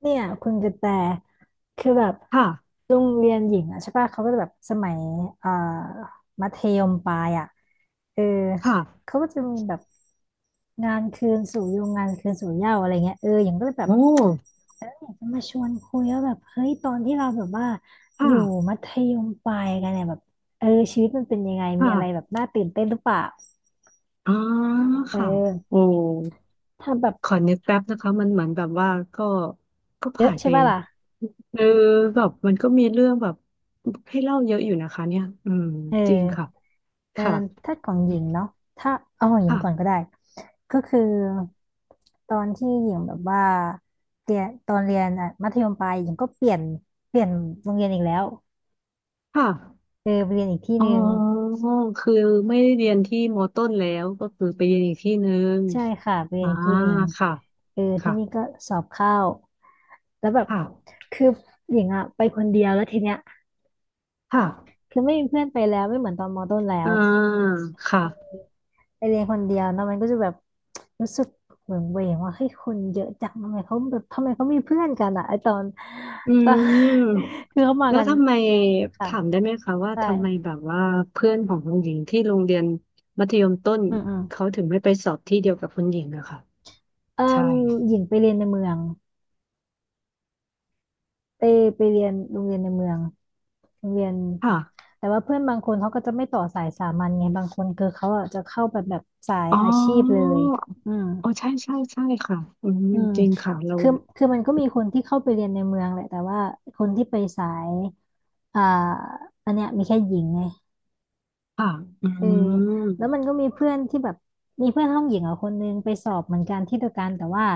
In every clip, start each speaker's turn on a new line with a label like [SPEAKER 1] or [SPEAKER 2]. [SPEAKER 1] เนี่ยคุณกระแตคือแบบ
[SPEAKER 2] ค่ะ
[SPEAKER 1] โรงเรียนหญิงอ่ะใช่ป่ะเขาก็จะแบบสมัยเอ่อมัธยมปลายอ่ะเออ
[SPEAKER 2] ค่ะ
[SPEAKER 1] เขาก็จะมีแบบงานคืนสู่ยุงงานคืนสู่เหย้าอะไรเงี้ยเออหญิงก็เลยแบบ
[SPEAKER 2] โอ้
[SPEAKER 1] อยากจะมาชวนคุยว่าแบบเฮ้ยตอนที่เราแบบว่าอ
[SPEAKER 2] ค่ะ
[SPEAKER 1] ยู่มัธยมปลายกันเนี่ยแบบเออชีวิตมันเป็นยังไงมีอะไรแบ
[SPEAKER 2] ค่ะ
[SPEAKER 1] บน่าตื่นเต้นหรือเปล่า
[SPEAKER 2] อ๋อ
[SPEAKER 1] เอ
[SPEAKER 2] ค่ะ
[SPEAKER 1] อ
[SPEAKER 2] โอ้
[SPEAKER 1] ทำแบบ
[SPEAKER 2] ขอนึกแป๊บนะคะมันเหมือนแบบว่าก็
[SPEAKER 1] เย
[SPEAKER 2] ผ่า
[SPEAKER 1] อะ
[SPEAKER 2] นไป
[SPEAKER 1] ใช่ป่ะล่ะ
[SPEAKER 2] เออแบบมันก็มีเรื่องแบบให้เล่าเยอะอยู่นะคะเนี่ยอืม
[SPEAKER 1] เ
[SPEAKER 2] จริงค่ะ
[SPEAKER 1] ออ เออ
[SPEAKER 2] ค่ะ
[SPEAKER 1] ถ้าของหญิงเนาะ ถ้าเอาของหญิงก่อนก็
[SPEAKER 2] ค่ะ
[SPEAKER 1] ได้ ก็คือตอนที่หญิงแบบว่าเรียนตอนเรียนอ่ะมัธยมปลายหญิงก็เปลี่ยนโรงเรียนอีกแล้ว
[SPEAKER 2] ค่ะ
[SPEAKER 1] เออไปเรียนอีกที่
[SPEAKER 2] อ๋
[SPEAKER 1] หนึ่ง
[SPEAKER 2] อคือไม่ได้เรียนที่มต้นแล้วก็คือไปเรียนอีกที่หนึ่ง
[SPEAKER 1] ใช่ค่ะไปเรียน
[SPEAKER 2] อ่า
[SPEAKER 1] อีกที่หนึ่ง
[SPEAKER 2] ค่ะ
[SPEAKER 1] เออที่
[SPEAKER 2] ค่ะ
[SPEAKER 1] นี่ก็สอบเข้าแล้วแบบ
[SPEAKER 2] ค่ะ
[SPEAKER 1] คือหญิงอะไปคนเดียวแล้วทีเนี้ย
[SPEAKER 2] ค่ะ
[SPEAKER 1] คือไม่มีเพื่อนไปแล้วไม่เหมือนตอนมต้นแล้
[SPEAKER 2] อ่า
[SPEAKER 1] ว
[SPEAKER 2] ค่ะ
[SPEAKER 1] ไปเรียนคนเดียวเนอะมันก็จะแบบรู้สึกเหมือนเวงว่าเฮ้ยคนเยอะจังทำไมเขาแบบทำไมเขามีเพื่อนกันอะไอตอน
[SPEAKER 2] อื
[SPEAKER 1] ตอน
[SPEAKER 2] ม
[SPEAKER 1] คือเขามา
[SPEAKER 2] แล้ว
[SPEAKER 1] กัน
[SPEAKER 2] ทำไม
[SPEAKER 1] ค่ะ
[SPEAKER 2] ถามได้ไหมคะว่า
[SPEAKER 1] ได้
[SPEAKER 2] ทำไมแบบว่าเพื่อนของคุณหญิงที่โรงเรียนมัธยมต้น
[SPEAKER 1] อืม
[SPEAKER 2] เขาถึงไม่ไปสอบที่เดียวกับคุณหญิงอะค่ะ
[SPEAKER 1] เอ่
[SPEAKER 2] ใช่
[SPEAKER 1] มหญิงไปเรียนในเมืองไปไปเรียนโรงเรียนในเมืองโรงเรียน
[SPEAKER 2] ค่ะ
[SPEAKER 1] แต่ว่าเพื่อนบางคนเขาก็จะไม่ต่อสายสามัญไงบางคนคือเขาอะจะเข้าแบบสาย
[SPEAKER 2] อ๋อ
[SPEAKER 1] อาชีพเลยอืม
[SPEAKER 2] อ๋อใช่ใช่ใช่ค่ะอืม
[SPEAKER 1] อืม
[SPEAKER 2] จริงค่ะเรา
[SPEAKER 1] คือคือมันก็มีคนที่เข้าไปเรียนในเมืองแหละแต่ว่าคนที่ไปสาย อ่าอันเนี้ยมีแค่หญิงไง
[SPEAKER 2] ค่ะอื
[SPEAKER 1] เออแล้วมัน
[SPEAKER 2] ม
[SPEAKER 1] ก็มีเพื่อนที่แบบมีเพื่อนห้องหญิงอ่ะคนนึงไปสอบเหมือนกันที่เดียวกันแต่ว่า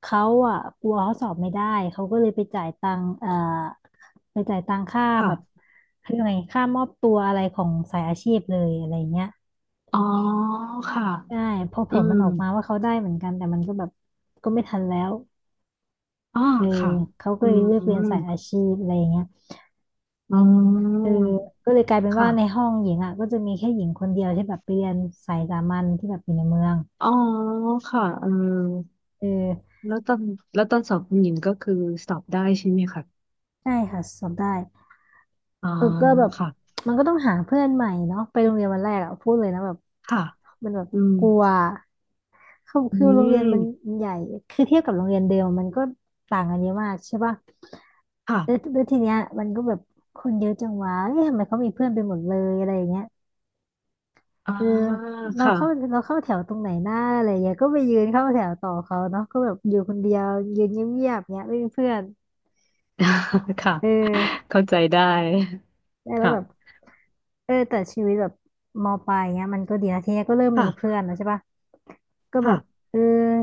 [SPEAKER 1] เขาอ่ะกลัวเขาสอบไม่ได้เขาก็เลยไปจ่ายตังค์ไปจ่ายตังค่า
[SPEAKER 2] ค่ะ
[SPEAKER 1] แบบคืองไงค่ามอบตัวอะไรของสายอาชีพเลยอะไรเงี้ย
[SPEAKER 2] อ๋อค่ะ
[SPEAKER 1] ใช่พอผ
[SPEAKER 2] อื
[SPEAKER 1] ลมั
[SPEAKER 2] ม
[SPEAKER 1] นออกมาว่าเขาได้เหมือนกันแต่มันก็แบบก็ไม่ทันแล้ว
[SPEAKER 2] อ๋อ
[SPEAKER 1] เออ
[SPEAKER 2] ค่ะ
[SPEAKER 1] เขาก็
[SPEAKER 2] อื
[SPEAKER 1] เลยเลือกเรียน
[SPEAKER 2] ม
[SPEAKER 1] สายอาชีพอะไรเงี้ย
[SPEAKER 2] อ๋อ
[SPEAKER 1] เออก็เลยกลายเป็นว่าในห้
[SPEAKER 2] ค่ะ
[SPEAKER 1] องหญิงอ่ะก็จะมีแค่หญิงคนเดียวที่แบบไปเรียนสายสามัญที่แบบอยู่ในเมือง
[SPEAKER 2] อ๋อค่ะเออ
[SPEAKER 1] เออ
[SPEAKER 2] แล้วตอนสอบหญิงก็คือสอบได้ใช่ไหมคะ
[SPEAKER 1] ได้ค่ะสอบได้
[SPEAKER 2] อ่า
[SPEAKER 1] เออก็แบบ
[SPEAKER 2] ค่ะ
[SPEAKER 1] มันก็ต้องหาเพื่อนใหม่เนาะไปโรงเรียนวันแรกอ่ะพูดเลยนะแบบ
[SPEAKER 2] ค่ะ
[SPEAKER 1] มันแบบ
[SPEAKER 2] อืม
[SPEAKER 1] กลัวคือ
[SPEAKER 2] อื
[SPEAKER 1] คือโรงเรียนมัน
[SPEAKER 2] ม
[SPEAKER 1] ใหญ่คือเทียบกับโรงเรียนเดิมมันก็ต่างกันเยอะมากใช่ป่ะ
[SPEAKER 2] ค่ะ
[SPEAKER 1] แล้วทีเนี้ยมันก็แบบคนเยอะจังวะเอ๊ะทำไมเขามีเพื่อนไปหมดเลยอะไรอย่างเงี้ย
[SPEAKER 2] อ่า
[SPEAKER 1] เออเรา
[SPEAKER 2] ค่ะ
[SPEAKER 1] เข้าเราเข้าแถวตรงไหนหน้าอะไรอย่างเงี้ยก็ไปยืนเข้าแถวต่อเขาเนาะก็แบบอยู่คนเดียวยืนเงียบๆเงี้ยไม่มีเพื่อน
[SPEAKER 2] ค่ะ
[SPEAKER 1] เออ
[SPEAKER 2] เข้าใจได้
[SPEAKER 1] แล้วแบบ
[SPEAKER 2] ค่ะ
[SPEAKER 1] เออแต่ชีวิตแบบมปลายเงี้ยมันก็ดีนะทีเนี้ยก็เริ่มมีเพื่
[SPEAKER 2] ค่ะ
[SPEAKER 1] อนแล้วใช่ปะก็แบบ
[SPEAKER 2] ค่ะ
[SPEAKER 1] เออ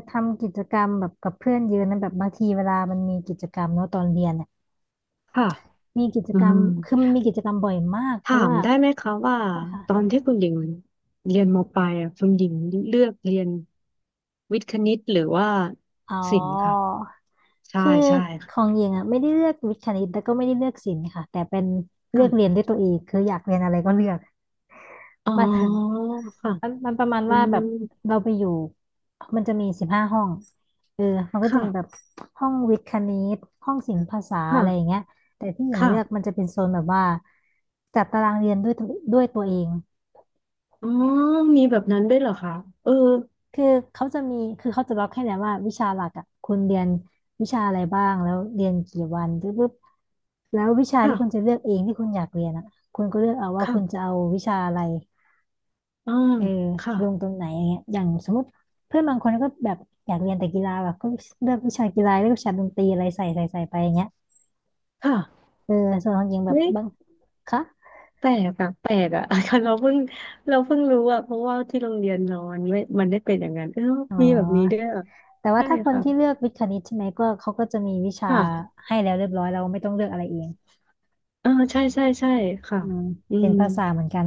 [SPEAKER 1] ทำกิจกรรมแบบกับเพื่อนเยอะนะแบบบางทีเวลามันมีกิจกรรมเนาะตอนเรียนเนี่ย
[SPEAKER 2] ค่ะ
[SPEAKER 1] มีกิจ
[SPEAKER 2] อื
[SPEAKER 1] กรร
[SPEAKER 2] ม
[SPEAKER 1] มคือมันมีกิจกรรมบ่อยมากเพ
[SPEAKER 2] ถา
[SPEAKER 1] ราะ
[SPEAKER 2] ม
[SPEAKER 1] ว่า
[SPEAKER 2] ได้ไหมคะว่าตอนที่คุณหญิงเรียนมปลายอะคุณหญิงเลือกเรียนวิทย์คณิตหรือว่า
[SPEAKER 1] อ๋อ
[SPEAKER 2] ศิลป์ค่ะใช่
[SPEAKER 1] คือ
[SPEAKER 2] ใช่
[SPEAKER 1] ข
[SPEAKER 2] ค่ะ
[SPEAKER 1] องหญิงอ่ะไม่ได้เลือกวิทย์คณิตแล้วก็ไม่ได้เลือกศิลป์ค่ะแต่เป็นเลือกเรียน
[SPEAKER 2] ค่ะ
[SPEAKER 1] ด้วยตัวเองคืออยากเรียนอะไรก็เลือก
[SPEAKER 2] อ๋
[SPEAKER 1] มัน
[SPEAKER 2] อค่ะ
[SPEAKER 1] มันประมาณ
[SPEAKER 2] อื
[SPEAKER 1] ว่าแบบ
[SPEAKER 2] ม
[SPEAKER 1] เราไปอยู่มันจะมี15 ห้องเออมันก็จะมีแบบ
[SPEAKER 2] ค่ะ
[SPEAKER 1] ห้องวิทย์คณิตห้องศิลป์ภาษาอะไรอย่าง
[SPEAKER 2] ค่ะ
[SPEAKER 1] เงี้ยแต่ที่หญิงเลือกมั
[SPEAKER 2] ค่ะ
[SPEAKER 1] นจะเป็นโซนแบบว่าจัดตารางเรียนด้วยตัวเอง
[SPEAKER 2] อ๋อมีแบบนั้นด้วยเหรอคะเออ
[SPEAKER 1] คือคือเขาจะล็อกให้แล้วว่าวิชาหลักอ่ะคุณเรียนวิชาอะไรบ้างแล้วเรียนกี่วันปุ๊บปุ๊บแล้ววิชาที่คุณจะ
[SPEAKER 2] ค่ะ
[SPEAKER 1] เลือกเองที่คุณอยากเรียนอ่ะคุณก็เลือกเอาว่าคุณจะ
[SPEAKER 2] ค่ะ
[SPEAKER 1] เอาวิชาอะไร
[SPEAKER 2] อ่า
[SPEAKER 1] เออ
[SPEAKER 2] ค่ะ
[SPEAKER 1] ลงตรงไหนอย่างเงี้ยอย่างสมมติเพื่อนบางคนก็แบบอยากเรียนแต่กีฬาแบบก็เลือกวิชากีฬาเลือกวิชาดนตรีอะไรใส่ไปอย่างเงี้ย
[SPEAKER 2] ค่ะ
[SPEAKER 1] เออส่วนของหญิงแบบ
[SPEAKER 2] เฮ้ย
[SPEAKER 1] บางคะ
[SPEAKER 2] แปลกอะแปลกอะ เราเพิ่งรู้อะเพราะว่าที่โรงเรียนนอนไม่มันได้เป็นอย่างนั้นเออ
[SPEAKER 1] อ๋
[SPEAKER 2] มีแบบนี้ด้
[SPEAKER 1] อ
[SPEAKER 2] วยเหรอ
[SPEAKER 1] แต่ว่า
[SPEAKER 2] ใช่
[SPEAKER 1] ถ้าคน
[SPEAKER 2] ค่ะ
[SPEAKER 1] ที่เลือกวิทย์คณิตใช่ไหมก็เขาก็จะมีวิชา
[SPEAKER 2] ค่ะ
[SPEAKER 1] ให้แล้วเรียบร้อยเราไม่ต้องเลือกอะไรเอง
[SPEAKER 2] เออใช่ใช่ใช่ค่ะ
[SPEAKER 1] อืม
[SPEAKER 2] อื
[SPEAKER 1] เรียน
[SPEAKER 2] ม
[SPEAKER 1] ภาษาเหมือนกัน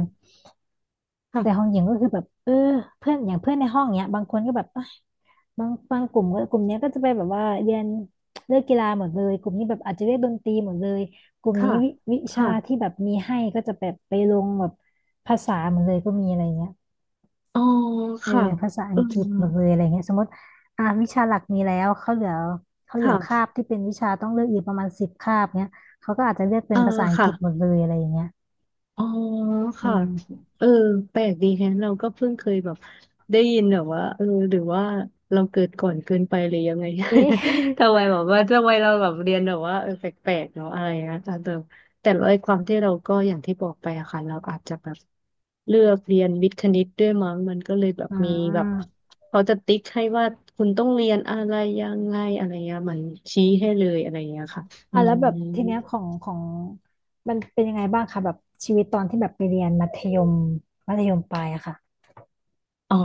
[SPEAKER 1] แต่ของห
[SPEAKER 2] ค่ะ
[SPEAKER 1] ญิงก็คือแบบเพื่อนอย่างเพื่อนในห้องเนี้ยบางคนก็แบบเอ้ยบางกลุ่มก็กลุ่มเนี้ยก็จะไปแบบว่าเรียนเลือกกีฬาหมดเลยกลุ่มนี้แบบอาจจะเรียกดนตรีหมดเลยกลุ่ม
[SPEAKER 2] ค่ะ
[SPEAKER 1] นี้วิชา
[SPEAKER 2] ค่ะ
[SPEAKER 1] ที่แบบมีให้ก็จะแบบไปลงแบบภาษาหมดเลยก็มีอะไรเงี้ย
[SPEAKER 2] อ๋อ
[SPEAKER 1] เออ
[SPEAKER 2] ค่ะ
[SPEAKER 1] ภาษาอั
[SPEAKER 2] เออ
[SPEAKER 1] งกฤษหมดเลยอะไรเงี้ยสมมติอ่าวิชาหลักมีแล้วเขาเหลือคา
[SPEAKER 2] ค่ะ
[SPEAKER 1] บที่เป็นวิชาต้องเลือกอีกประมาณสิบคาบเนี้ยเขาก็อาจจะเลือกเป็น
[SPEAKER 2] อ่า
[SPEAKER 1] ภาษาอังก
[SPEAKER 2] ค่ะ
[SPEAKER 1] ฤษหมดเลยอะไรอย่างเงี้ย
[SPEAKER 2] อ๋อ
[SPEAKER 1] อื
[SPEAKER 2] ค่ะ
[SPEAKER 1] ม
[SPEAKER 2] เออแปลกดีแฮะเราก็เพิ่งเคยแบบได้ยินแบบว่าเออหรือว่าเราเกิดก่อนเกินไปหรือยังไง
[SPEAKER 1] เอ๊ะ
[SPEAKER 2] ทำไมแบบว่าทำไมเราแบบเรียนแบบว่าเออแปลกๆเนาะอะไรนะแต่เดิมแต่ไอ้ความที่เราก็อย่างที่บอกไปอะค่ะเราอาจจะแบบเลือกเรียนวิทย์คณิตด้วยมั้งมันก็เลยแบบ
[SPEAKER 1] อ่
[SPEAKER 2] มีแบบ
[SPEAKER 1] า
[SPEAKER 2] เขาจะติ๊กให้ว่าคุณต้องเรียนอะไรยังไงอะไรเงี้ยเหมันชี้ให้เลยอะไรเงี้ยค่ะอื
[SPEAKER 1] อ่ะแล้ว
[SPEAKER 2] ม
[SPEAKER 1] แบบทีเนี้ยของมันเป็นยังไงบ้างคะแบบชีวิตตอนที่แบบไปเรียนมัธยมปลายอะค่ะ
[SPEAKER 2] อ๋อ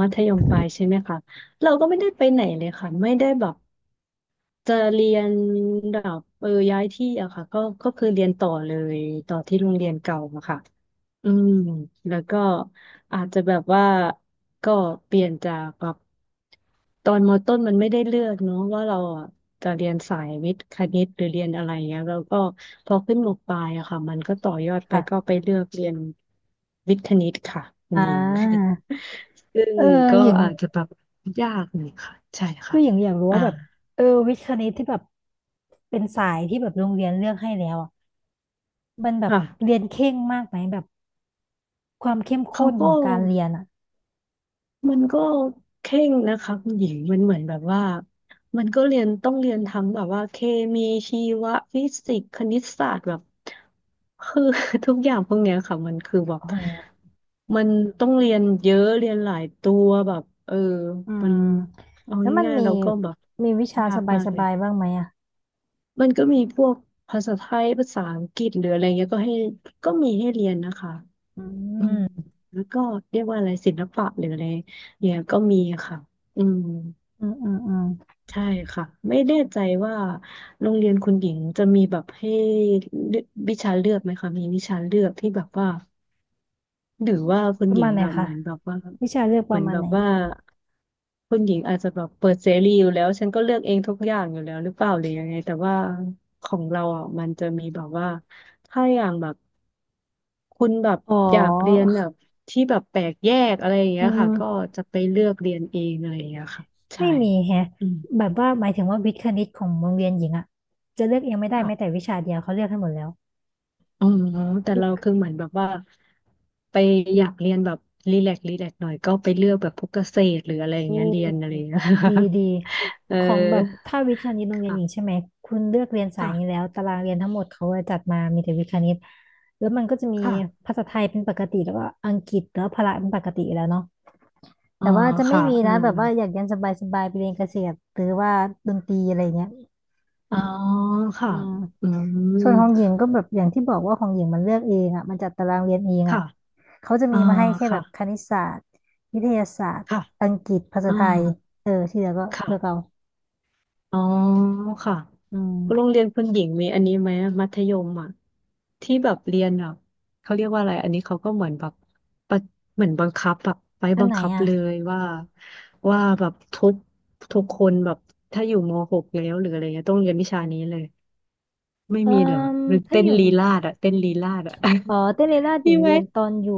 [SPEAKER 2] มัธยมปลายใช่ไหมคะ เราก็ไม่ได้ไปไหนเลยค่ะ ไม่ได้แบบจะเรียนแบบย้ายที่อะค่ะก็คือเรียนต่อเลยต่อที่โรงเรียนเก่าอะค่ะ อืมแล้วก็อาจจะแบบว่าก็เปลี่ยนจากแบบตอนมต้นมันไม่ได้เลือกเนาะว่าเราอ่ะจะเรียนสายวิทย์คณิตหรือเรียนอะไรเงี้ยแล้วก็พอขึ้นมปลายอะค่ะมันก็ต่อยอดไปก็
[SPEAKER 1] ค่ะ
[SPEAKER 2] ไปเลือกเรียนวิทย์คณิตค่ะคุ
[SPEAKER 1] อ่
[SPEAKER 2] ณหญิง
[SPEAKER 1] า
[SPEAKER 2] ซึ่ง
[SPEAKER 1] เออ
[SPEAKER 2] ก็
[SPEAKER 1] หญิง
[SPEAKER 2] อาจจะแบบยากหน่อยค่ะใช่
[SPEAKER 1] ก็
[SPEAKER 2] ค่ะ
[SPEAKER 1] หญิงอยากรู้
[SPEAKER 2] อ่า
[SPEAKER 1] ว่าแบบเออวิทย์คณิตที่แบบเป็นสายที่แบบโรงเรียนเลือกให้แล้วอะมันแบบเรี
[SPEAKER 2] ค่ะ
[SPEAKER 1] ยนเคร่งมากไหมแบบความเข้ม
[SPEAKER 2] เขา
[SPEAKER 1] ข้นข
[SPEAKER 2] ก็
[SPEAKER 1] องการเรียนอะ
[SPEAKER 2] มันก็เคร่งนะคะคุณหญิงมันเหมือนแบบว่ามันก็เรียนต้องเรียนทั้งแบบว่าเคมีชีวะฟิสิกส์คณิตศาสตร์แบบคือ ทุกอย่างพวกเนี้ยค่ะมันคือแบบ
[SPEAKER 1] โอ้โห
[SPEAKER 2] มันต้องเรียนเยอะเรียนหลายตัวแบบเออ
[SPEAKER 1] อื
[SPEAKER 2] มัน
[SPEAKER 1] ม
[SPEAKER 2] เอา
[SPEAKER 1] แล้วมัน
[SPEAKER 2] ง่าย
[SPEAKER 1] มี
[SPEAKER 2] ๆเราก็แบบ
[SPEAKER 1] มีวิชา
[SPEAKER 2] ยา
[SPEAKER 1] ส
[SPEAKER 2] ก
[SPEAKER 1] บ
[SPEAKER 2] มากเลย
[SPEAKER 1] ายๆบ้างไหมอะ
[SPEAKER 2] มันก็มีพวกภาษาไทยภาษาอังกฤษหรืออะไรเงี้ยก็ให้ก็มีให้เรียนนะคะ
[SPEAKER 1] อื
[SPEAKER 2] อืม
[SPEAKER 1] ม
[SPEAKER 2] แล้วก็เรียกว่าอะไรศิลปะหรืออะไรเนี่ยก็มีค่ะอืม
[SPEAKER 1] อืมอืมอืม
[SPEAKER 2] ใช่ค่ะไม่แน่ใจว่าโรงเรียนคุณหญิงจะมีแบบให้เลือกวิชาเลือกไหมคะมีวิชาเลือกที่แบบว่า หรือว่าคุ
[SPEAKER 1] ป
[SPEAKER 2] ณ
[SPEAKER 1] ระ
[SPEAKER 2] หญิ
[SPEAKER 1] มา
[SPEAKER 2] ง
[SPEAKER 1] ณไหน
[SPEAKER 2] อ่ะเห
[SPEAKER 1] คะ
[SPEAKER 2] มือนแบบว่า
[SPEAKER 1] วิชาเลือกป
[SPEAKER 2] เหมือ
[SPEAKER 1] ระ
[SPEAKER 2] น
[SPEAKER 1] มาณ
[SPEAKER 2] แบบ
[SPEAKER 1] ไหน
[SPEAKER 2] ว่าคุณหญิงอาจจะแบบเปิดเสรีอยู่แล้วฉันก็เลือกเองทุกอย่างอยู่แล้วหรือเปล่าหรือยังไงแต่ว่าของเราอ่ะมันจะมีแบบว่าถ้าอย่างแบบคุณแบบ
[SPEAKER 1] อ๋อ
[SPEAKER 2] อยากเรียนแบบที่แบบแปลกแยกอะไรอย่าง
[SPEAKER 1] เอ
[SPEAKER 2] เงี้ยค่ะก็
[SPEAKER 1] อ
[SPEAKER 2] จะไปเลือกเรียนเองอะไรอย่างเงี้ยค่ะใช่
[SPEAKER 1] ไม่มีแฮะ
[SPEAKER 2] อืม
[SPEAKER 1] แบบว่าหมายถึงว่าวิทย์คณิตของโรงเรียนหญิงอะจะเลือกเองไม่ได้แม้แต่วิชาเดียวเขาเลือกให้หมดแล้ว
[SPEAKER 2] อ๋อแต่
[SPEAKER 1] คือ
[SPEAKER 2] เราคือเหมือนแบบว่าไปอยากเรียนแบบรีแลกหน่อยก็ไปเลือกแบบพวกเกษตรหรืออะไรอย่า
[SPEAKER 1] โอ
[SPEAKER 2] งเงี้ยเรียนอะไรอ
[SPEAKER 1] ื
[SPEAKER 2] ย่างเงี้ย
[SPEAKER 1] ดีดี
[SPEAKER 2] เออ
[SPEAKER 1] ของแบบถ้าวิทย์คณิตโรงเรียนหญิง
[SPEAKER 2] ค่ะ
[SPEAKER 1] ใช่ไหมคุณเลือกเรียนสาย
[SPEAKER 2] ค่ะ
[SPEAKER 1] นี้แล้วตารางเรียนทั้งหมดเขาจะจัดมามีแต่วิทย์คณิตแล้วมันก็จะมี
[SPEAKER 2] ค่ะ
[SPEAKER 1] ภาษาไทยเป็นปกติแล้วก็อังกฤษแล้วพละเป็นปกติอยู่แล้วเนาะ
[SPEAKER 2] อ๋อ
[SPEAKER 1] แต่ว่าจะไม่
[SPEAKER 2] ค่ะ
[SPEAKER 1] มี
[SPEAKER 2] เออ
[SPEAKER 1] นะแบบว่าอยากเรียนสบายๆไปเรียนเกษตรหรือว่าดนตรีอะไรเงี้ย
[SPEAKER 2] อ๋อค่ะ
[SPEAKER 1] อืม
[SPEAKER 2] อืม
[SPEAKER 1] ส่วนของหญิงก็แบบอย่างที่บอกว่าของหญิงมันเลือกเองอ่ะมันจัดตารางเรียนเองอ่ะ
[SPEAKER 2] ค่ะ
[SPEAKER 1] เขาจะ
[SPEAKER 2] อ่า
[SPEAKER 1] มีมาให้แค่แบ
[SPEAKER 2] ค่ะ
[SPEAKER 1] บคณิตศาสตร์วิทยาศาสตร์
[SPEAKER 2] ค่ะ
[SPEAKER 1] อังกฤษภาษา
[SPEAKER 2] อ่า
[SPEAKER 1] ไทยเออที่เหลือก็
[SPEAKER 2] ค่ะ
[SPEAKER 1] เลือกเอา
[SPEAKER 2] อ๋อค่ะ
[SPEAKER 1] อื
[SPEAKER 2] โรง
[SPEAKER 1] ม
[SPEAKER 2] เรียนคุณหญิงมีอันนี้ไหมมัธยมอ่ะที่แบบเรียนแบบเขาเรียกว่าอะไรอันนี้เขาก็เหมือนแบบปะเหมือนบังคับแบบไป
[SPEAKER 1] อั
[SPEAKER 2] บั
[SPEAKER 1] น
[SPEAKER 2] ง
[SPEAKER 1] ไหน
[SPEAKER 2] คับ
[SPEAKER 1] อ่ะ
[SPEAKER 2] เลยว่าแบบทุกคนแบบถ้าอยู่มหกแล้วหรืออะไรเงี้ยต้องเรียนวิชานี้เลยไม่
[SPEAKER 1] เอ่อ
[SPEAKER 2] มีเหรอหรือ
[SPEAKER 1] ถ้า
[SPEAKER 2] เต้
[SPEAKER 1] อ
[SPEAKER 2] น
[SPEAKER 1] ยู่
[SPEAKER 2] ลีลาดอะเต้นลีลาดอะ
[SPEAKER 1] อ๋อเต้นเลราช หญิ
[SPEAKER 2] มี
[SPEAKER 1] ง
[SPEAKER 2] ไหม
[SPEAKER 1] เรียนตอนอยู่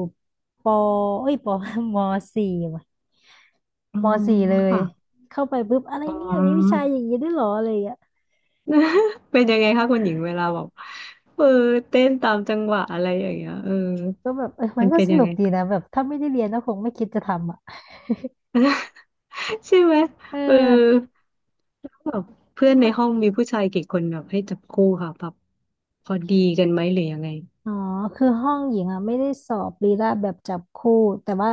[SPEAKER 1] ปอเอ้ยปอ มสี่ว่ะ
[SPEAKER 2] อ๋อ
[SPEAKER 1] มสี่เลย
[SPEAKER 2] ค่ะ
[SPEAKER 1] เข้าไปปุ๊บอะไร
[SPEAKER 2] อ๋อ
[SPEAKER 1] เนี่ย มีวิชาอย่างนี้ด้วยเหรออะไรอย่างเงี้ย
[SPEAKER 2] เป็นยังไงคะคุณหญิงเวลาแบบเออเต้นตามจังหวะอะไรอย่างเงี้ยเออ
[SPEAKER 1] ก็แบบเออมั
[SPEAKER 2] มั
[SPEAKER 1] น
[SPEAKER 2] น
[SPEAKER 1] ก็
[SPEAKER 2] เป็น
[SPEAKER 1] ส
[SPEAKER 2] ยั
[SPEAKER 1] นุ
[SPEAKER 2] ง
[SPEAKER 1] ก
[SPEAKER 2] ไง
[SPEAKER 1] ดีนะแบบถ้าไม่ได้เรียนก็คงไม่คิดจะทำอ่ะ
[SPEAKER 2] ใช่ไหม
[SPEAKER 1] เ
[SPEAKER 2] เออ
[SPEAKER 1] ออ
[SPEAKER 2] แบบเพื่อนในห้องมีผู้ชายกี่คนแบบให้จับคู่ค่ะแบบพอดีกันไหมหรือยังไง
[SPEAKER 1] อ๋อคือห้องหญิงอ่ะไม่ได้สอบลีลาแบบจับคู่แต่ว่า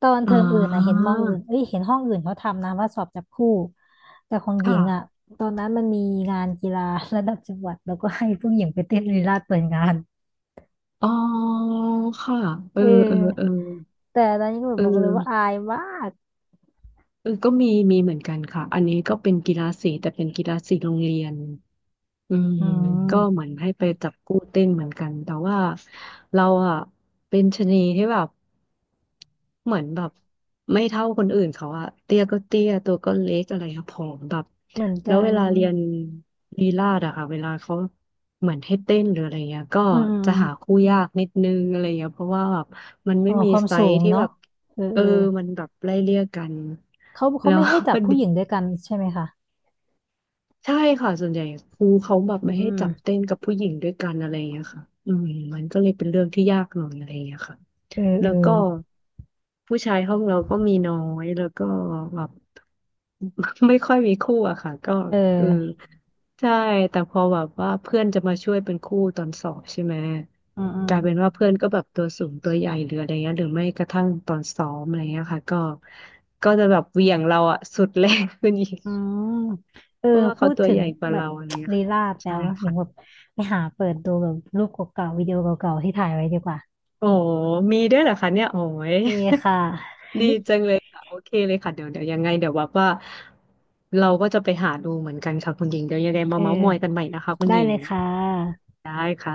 [SPEAKER 1] ตอนเท
[SPEAKER 2] อ๋อ
[SPEAKER 1] อมอื่นอ่ะเห็นมออื่นเอ้ยเห็นห้องอื่นเขาทำนะว่าสอบจับคู่แต่ของหญิ
[SPEAKER 2] ค่ะ
[SPEAKER 1] งอ่ะตอนนั้นมันมีงานกีฬาระดับจังหวัดแล้วก็ให้ผู้หญิงไปเต้นลีลาเปิดงาน
[SPEAKER 2] อ๋อค่ะเออ
[SPEAKER 1] เอ
[SPEAKER 2] เออเออ
[SPEAKER 1] อแต่ตอนนี้ก็แบบ
[SPEAKER 2] เอ
[SPEAKER 1] บอกเลย
[SPEAKER 2] อ
[SPEAKER 1] ว่าอายมาก
[SPEAKER 2] เออก็มีมีเหมือนกันค่ะ อันนี้ก็เป็นกีฬาสีแต่เป็นกีฬาสีโรงเรียนอืม
[SPEAKER 1] อื
[SPEAKER 2] ก็เหมื
[SPEAKER 1] ม
[SPEAKER 2] อนให้ไปจับคู่เต้นเหมือนกันแต่ว่าเราอะเป็นชะนีที่แบบ เหมือนแบบไม่เท่าคนอื่นเขาอะเตี้ยก็เตี้ยตัวก็เล็กอะไรครับผอมแบบ
[SPEAKER 1] เหมือน
[SPEAKER 2] แล้ว
[SPEAKER 1] กั
[SPEAKER 2] เว
[SPEAKER 1] น
[SPEAKER 2] ลาเรียนลีลาศอะค่ะเวลาเขาเหมือนให้เต้นหรืออะไรเงี้ยก็
[SPEAKER 1] อืมอม
[SPEAKER 2] จะ
[SPEAKER 1] อ
[SPEAKER 2] หา
[SPEAKER 1] ม
[SPEAKER 2] คู่ยากนิดนึงอะไรเงี้ยเพราะว่าแบบมันไม่
[SPEAKER 1] อ๋อ
[SPEAKER 2] มี
[SPEAKER 1] ความ
[SPEAKER 2] ไซ
[SPEAKER 1] สู
[SPEAKER 2] ส์
[SPEAKER 1] ง
[SPEAKER 2] ที่
[SPEAKER 1] เนาะ
[SPEAKER 2] แบบ
[SPEAKER 1] เออ
[SPEAKER 2] เอ
[SPEAKER 1] เอ
[SPEAKER 2] อ
[SPEAKER 1] อ
[SPEAKER 2] มันแบบไล่เลี่ยกัน
[SPEAKER 1] เขาเขา
[SPEAKER 2] แล้ว
[SPEAKER 1] ไม่ให้จับผู้หญิงด้วย กันใช่ไหมคะ
[SPEAKER 2] ใช่ค่ะส่วนใหญ่ครูเขาแบบ
[SPEAKER 1] อื
[SPEAKER 2] ไม่ให้จับเต้
[SPEAKER 1] ม
[SPEAKER 2] นกับผู้หญิงด้วยกันอะไรเงี้ยค่ะอืมมันก็เลยเป็นเรื่องที่ยากหน่อยอะไรเงี้ยค่ะ
[SPEAKER 1] เออ
[SPEAKER 2] แล้
[SPEAKER 1] เอ
[SPEAKER 2] ว
[SPEAKER 1] อ
[SPEAKER 2] ก็ผู้ชายห้องเราก็มีน้อยแล้วก็แบบ ไม่ค่อยมีคู่อะค่ะก็
[SPEAKER 1] เอ
[SPEAKER 2] เออ
[SPEAKER 1] อ
[SPEAKER 2] ใช่แต่พอแบบว่าเพื่อนจะมาช่วยเป็นคู่ตอนสอบใช่ไหม
[SPEAKER 1] อืมอื
[SPEAKER 2] ก
[SPEAKER 1] ม
[SPEAKER 2] ลายเป็นว่าเพื่อนก็แบบตัวสูงตัวใหญ่หรืออะไรเงี้ยหรือไม่กระทั่งตอนซ้อมอะไรเงี้ยค่ะก็จะแบบเหวี่ยงเราอะสุดแรงขึ้นอีก
[SPEAKER 1] อืมเออ
[SPEAKER 2] เพราะว่า
[SPEAKER 1] พู
[SPEAKER 2] เขา
[SPEAKER 1] ด
[SPEAKER 2] ตัว
[SPEAKER 1] ถึ
[SPEAKER 2] ให
[SPEAKER 1] ง
[SPEAKER 2] ญ่กว่า
[SPEAKER 1] แบบ
[SPEAKER 2] เราอะไรเงี้ ย
[SPEAKER 1] ลี
[SPEAKER 2] ค่ะ
[SPEAKER 1] ลาดแล้
[SPEAKER 2] ใช่
[SPEAKER 1] วเนาะอย่างแบบ
[SPEAKER 2] ค่ะ
[SPEAKER 1] ไปหาเปิดดูแบบรูปเก่าๆวิดีโอเก่าๆที่ถ่ายไว้ดีกว่า
[SPEAKER 2] โอ้มีด้วยเหรอคะเนี่ยโอ้ย
[SPEAKER 1] มีค่ะ
[SPEAKER 2] ดีจังเลยค่ะ โอเคเลยค่ะ เดี๋ยวยังไงเดี๋ยวแบบว่าเราก็จะไปหาดูเหมือนกันค่ะคุณหญิงเดี๋ยวยังไง มา
[SPEAKER 1] เอ
[SPEAKER 2] เม้าท์มอยกัน
[SPEAKER 1] อ
[SPEAKER 2] ใหม่นะคะคุณ
[SPEAKER 1] ได้
[SPEAKER 2] หญิ
[SPEAKER 1] เล
[SPEAKER 2] ง
[SPEAKER 1] ยค่ะ
[SPEAKER 2] ได้ค่ะ